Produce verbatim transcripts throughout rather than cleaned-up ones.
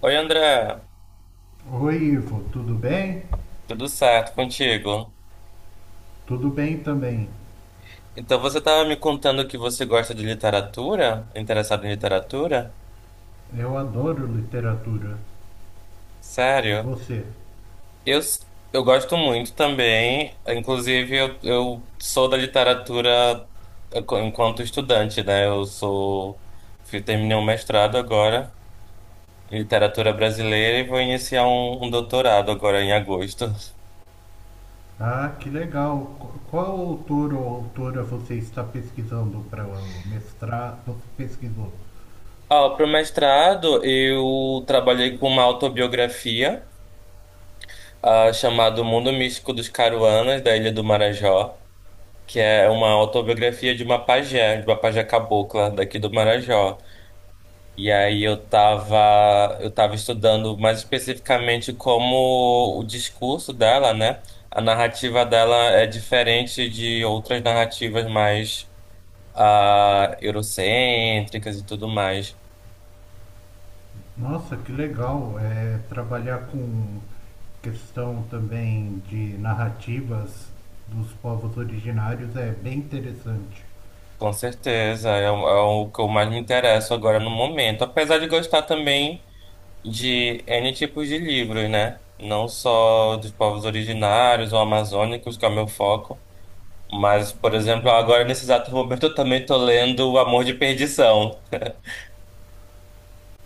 Oi, André, Oi, Ivo, tudo bem? tudo certo contigo? Tudo bem também. Então você estava me contando que você gosta de literatura, interessado em literatura? Eu adoro literatura. E Sério? você? Eu, s- eu gosto muito também, inclusive eu, eu sou da literatura enqu- enquanto estudante, né? Eu sou, fui- terminei um mestrado agora em literatura brasileira e vou iniciar um, um doutorado agora em agosto. Ah, que legal. Qu- Qual autor ou autora você está pesquisando para o mestrado? Você pesquisou? Ó, pro mestrado eu trabalhei com uma autobiografia, ah, chamado O Mundo Místico dos Caruanas, da Ilha do Marajó, que é uma autobiografia de uma pajé, de uma pajé cabocla daqui do Marajó. E aí eu tava, eu tava estudando mais especificamente como o discurso dela, né? A narrativa dela é diferente de outras narrativas mais ah, eurocêntricas e tudo mais. Nossa, que legal. É, trabalhar com questão também de narrativas dos povos originários é bem interessante. Com certeza, é, o- é o que eu mais me interesso agora no momento. Apesar de gostar também de N tipos de livros, né? Não só dos povos originários ou amazônicos, que é o meu foco, mas, por exemplo, agora nesse exato momento eu também tô lendo O Amor de Perdição,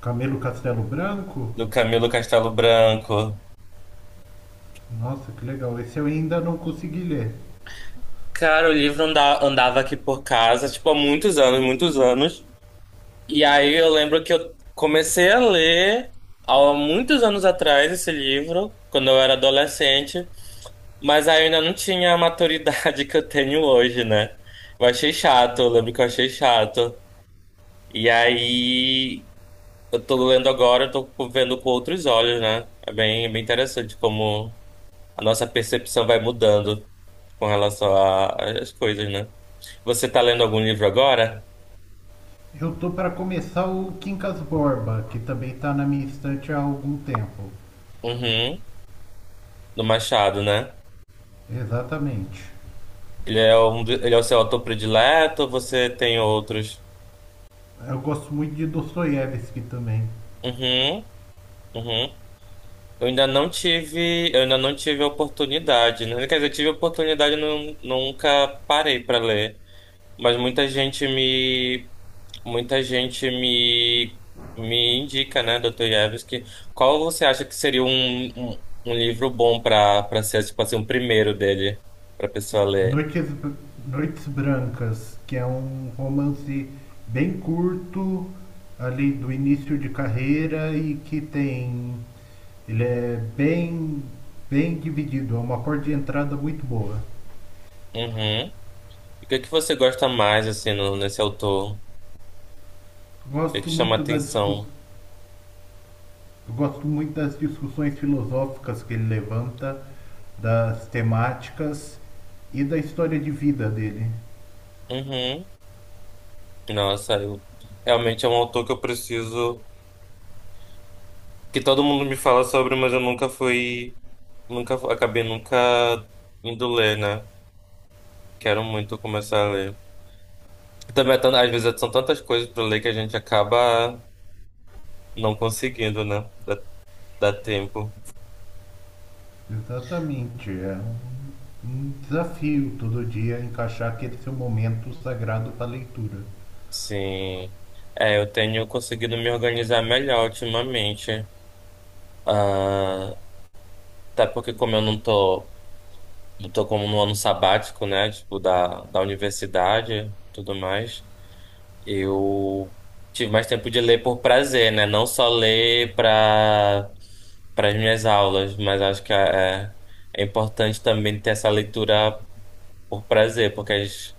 Camilo Castelo Branco? do Camilo Castelo Branco. Nossa, que legal. Esse eu ainda não consegui ler. Cara, o livro anda- andava aqui por casa, tipo, há muitos anos, muitos anos. E aí eu lembro que eu comecei a ler há muitos anos atrás esse livro, quando eu era adolescente. Mas aí eu ainda não tinha a maturidade que eu tenho hoje, né? Eu achei chato, eu lembro que eu achei chato. E aí eu tô lendo agora, eu tô vendo com outros olhos, né? É bem, bem interessante como a nossa percepção vai mudando com relação a- às coisas, né? Você tá lendo algum livro agora? Eu tô para começar o Quincas Borba, que também tá na minha estante há algum tempo. Uhum, do Machado, né? Exatamente. Ele é um, do- ele é o seu autor predileto, ou você tem outros? Eu gosto muito de Dostoiévski também. Uhum, uhum. Eu ainda não tive, eu ainda não tive a oportunidade, né? Quer dizer, eu tive a oportunidade, e não, nunca parei para ler, mas muita gente me, muita gente me, me indica, né, dostoi Ievski, qual você acha que seria um, um, um livro bom para para ser tipo assim, o primeiro dele para pessoa ler? Noites, Br- Noites Brancas, que é um romance bem curto, ali do início de carreira e que tem. Ele é bem, bem dividido, é uma porta de entrada muito boa. Uhum. E o que é que você gosta mais assim no, nesse autor? O que é que Gosto chama muito da discussão atenção? Eu gosto muito das discussões filosóficas que ele levanta, das temáticas e da história de vida dele. Uhum. Nossa, eu, realmente é um autor que eu preciso que todo mundo me fala sobre, mas eu nunca fui, nunca fu- acabei nunca indo ler, né? Quero muito começar a ler. Também é tan- às vezes são tantas coisas para ler que a gente acaba não conseguindo, né? Dá, dá tempo. Exatamente, é um, um desafio todo dia encaixar aquele seu momento sagrado para leitura. Sim. É, eu tenho conseguido me organizar melhor ultimamente. Ah, até porque como eu não tô, não tô como no ano sabático, né? Tipo, da, da universidade, e tudo mais. Eu tive mais tempo de ler por prazer, né? Não só ler para para as minhas aulas, mas acho que é, é importante também ter essa leitura por prazer, porque as-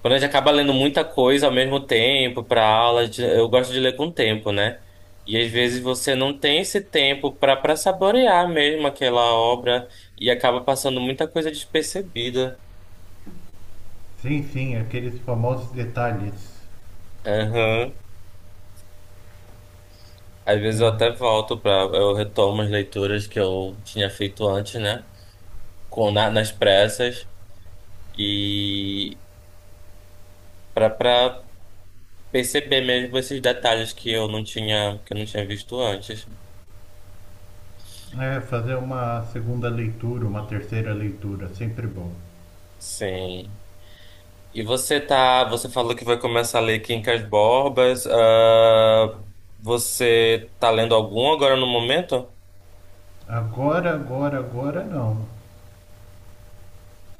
quando a gente acaba lendo muita coisa ao mesmo tempo para aula, a gente- eu gosto de ler com tempo, né? E às vezes você não tem esse tempo para para saborear mesmo aquela obra e acaba passando muita coisa despercebida. Sim, sim, aqueles famosos detalhes. Aham. Às vezes eu até É, volto para eu retomo as leituras que eu tinha feito antes, né? Com na- nas pressas e para para perceber mesmo esses detalhes que eu não tinha que eu não tinha visto antes. é, fazer uma segunda leitura, uma terceira leitura, sempre bom. Sim. E você tá, você falou que vai começar a ler Quincas Borbas. Ah, você tá lendo algum agora no momento? Agora, agora, agora não.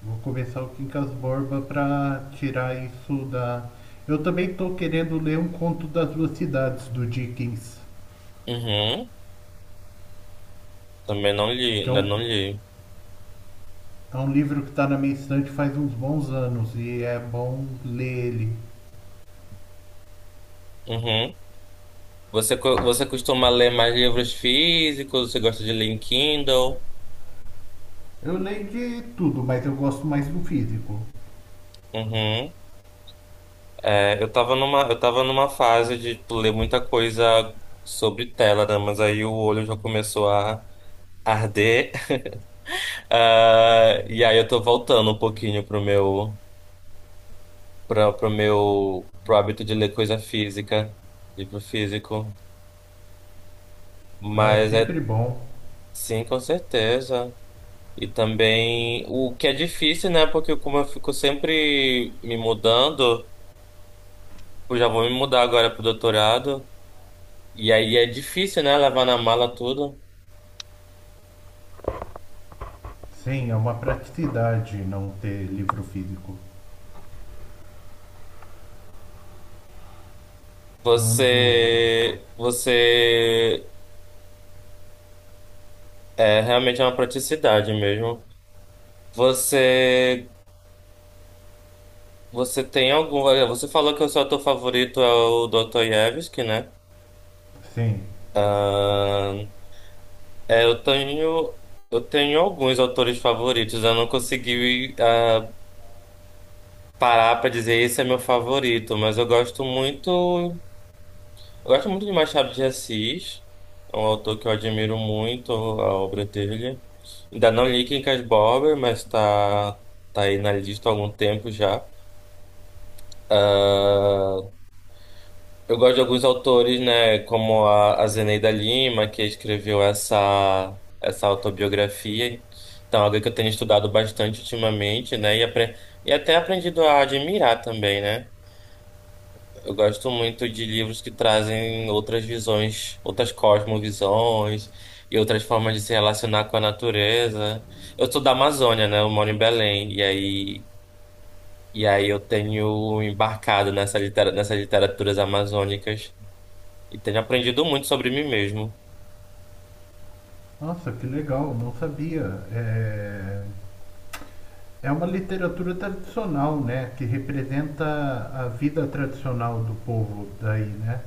Vou começar o Quincas Borba para tirar isso da. Eu também estou querendo ler um conto das duas cidades do Dickens, Uhum. Também não li, que é ainda um, não li. é um livro que está na minha estante faz uns bons anos e é bom ler ele. Uhum. Você, co- você costuma ler mais livros físicos? Você gosta de ler em Kindle? Eu leio de tudo, mas eu gosto mais do físico. Uhum. É, eu tava numa, eu tava numa fase de tipo, ler muita coisa sobre tela, né? Mas aí o olho já começou a arder. Ah, e aí eu tô voltando um pouquinho pro meu, pra, pro meu, pro hábito de ler coisa física, livro físico. Ah, é Mas é, sempre bom. sim, com certeza. E também o que é difícil, né? Porque como eu fico sempre me mudando. Eu já vou me mudar agora pro doutorado. E aí é difícil, né? Levar na mala tudo. Sim, é uma praticidade não ter livro físico. Mando. Você, você é realmente é uma praticidade mesmo. Você, você tem algum? Você falou que o seu autor favorito é o dostoi Yevsky, né? Sim. Ahn, é, eu tenho, eu tenho alguns autores favoritos. Eu não consegui ah, parar para dizer esse é meu favorito, mas eu gosto muito. Eu gosto muito de Machado de Assis, é um autor que eu admiro muito a obra dele. Ainda não li Quincas Borba, mas tá, tá aí na lista há algum tempo já. Ah, eu gosto de alguns autores, né, como a, a Zeneida Lima, que escreveu essa, essa autobiografia. Então, alguém que eu tenho estudado bastante ultimamente, né, e, apre- e até aprendido a admirar também, né? Eu gosto muito de livros que trazem outras visões, outras cosmovisões e outras formas de se relacionar com a natureza. Eu sou da Amazônia, né? Eu moro em Belém e aí e aí eu tenho embarcado nessa litera- nessas literaturas amazônicas e tenho aprendido muito sobre mim mesmo. Nossa, que legal, não sabia. É... É uma literatura tradicional, né? Que representa a vida tradicional do povo daí, né?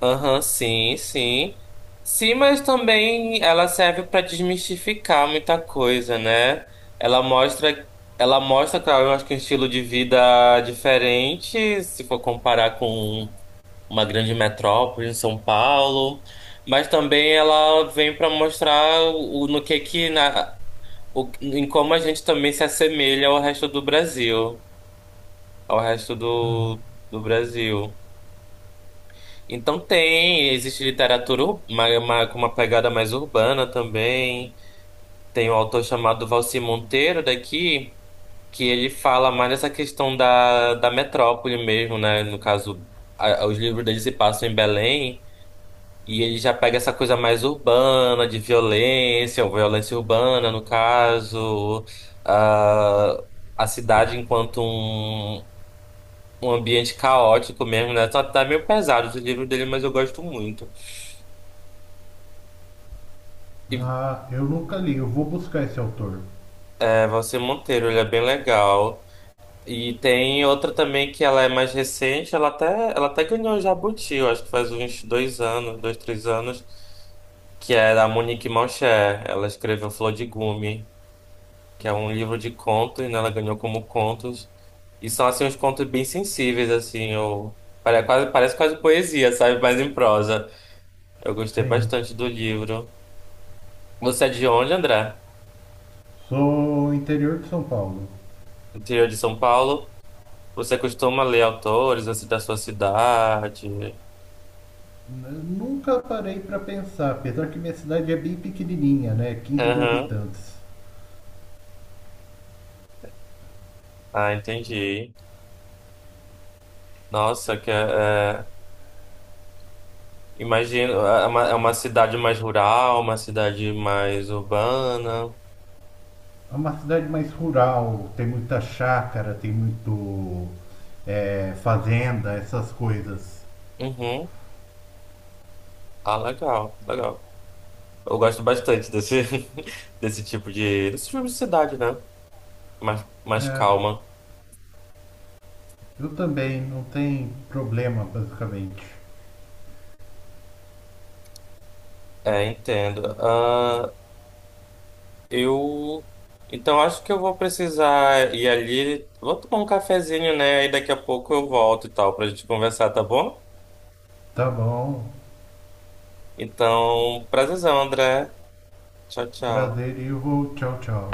Aham, sim, sim. Sim, mas também ela serve para desmistificar muita coisa, né? Ela mostra, ela mostra, claro, eu acho que um estilo de vida diferente, se for comparar com uma grande metrópole em São Paulo, mas também ela vem para mostrar o, no que que na, o, em como a gente também se assemelha ao resto do Brasil, ao resto Uhum. do, do Brasil. Então tem, existe literatura ur- uma, uma, com uma pegada mais urbana também. Tem um autor chamado Valci Monteiro daqui, que ele fala mais dessa questão da, da metrópole mesmo, né? No caso, a- os livros dele se passam em Belém, e ele já pega essa coisa mais urbana, de violência, ou violência urbana, no caso, ah, a cidade enquanto um, um ambiente caótico mesmo, né? Tá, tá meio pesado os livros dele, mas eu gosto muito. Ah, eu nunca li, eu vou buscar esse autor. É Valsir Monteiro, ele é bem legal. E tem outra também que ela é mais recente, ela até, ela até ganhou o Jabuti, eu acho que faz uns dois anos, dois, três anos, que é da Monique Malcher. Ela escreveu Flor de Gume, que é um livro de contos, né? Ela ganhou como contos. E são, assim, uns contos bem sensíveis, assim, ou... Parece quase, parece quase poesia, sabe? Mas em prosa. Eu gostei Sim. bastante do livro. Você é de onde, André? Sou interior de São Paulo. Interior de São Paulo? Você costuma ler autores assim da sua cidade? N- Nunca parei para pensar, apesar que minha cidade é bem pequenininha, né? Quinze mil Aham. habitantes. Ah, entendi. Nossa, que é, é, imagino, é é uma, é uma cidade mais rural, uma cidade mais urbana. É uma cidade mais rural, tem muita chácara, tem muito é, fazenda, essas coisas. Uhum. Ah, legal, legal. Eu gosto bastante desse, desse tipo de, desse tipo de cidade, né? Mais, mais É, calma. eu também, não tem problema, basicamente. É, entendo. Ah, eu. Então, acho que eu vou precisar ir ali. Vou tomar um cafezinho, né? E daqui a pouco eu volto e tal, pra gente conversar, tá bom? Tá bom. Então, prazerzão, André. Tchau, tchau. Prazer e eu vou. Tchau, tchau.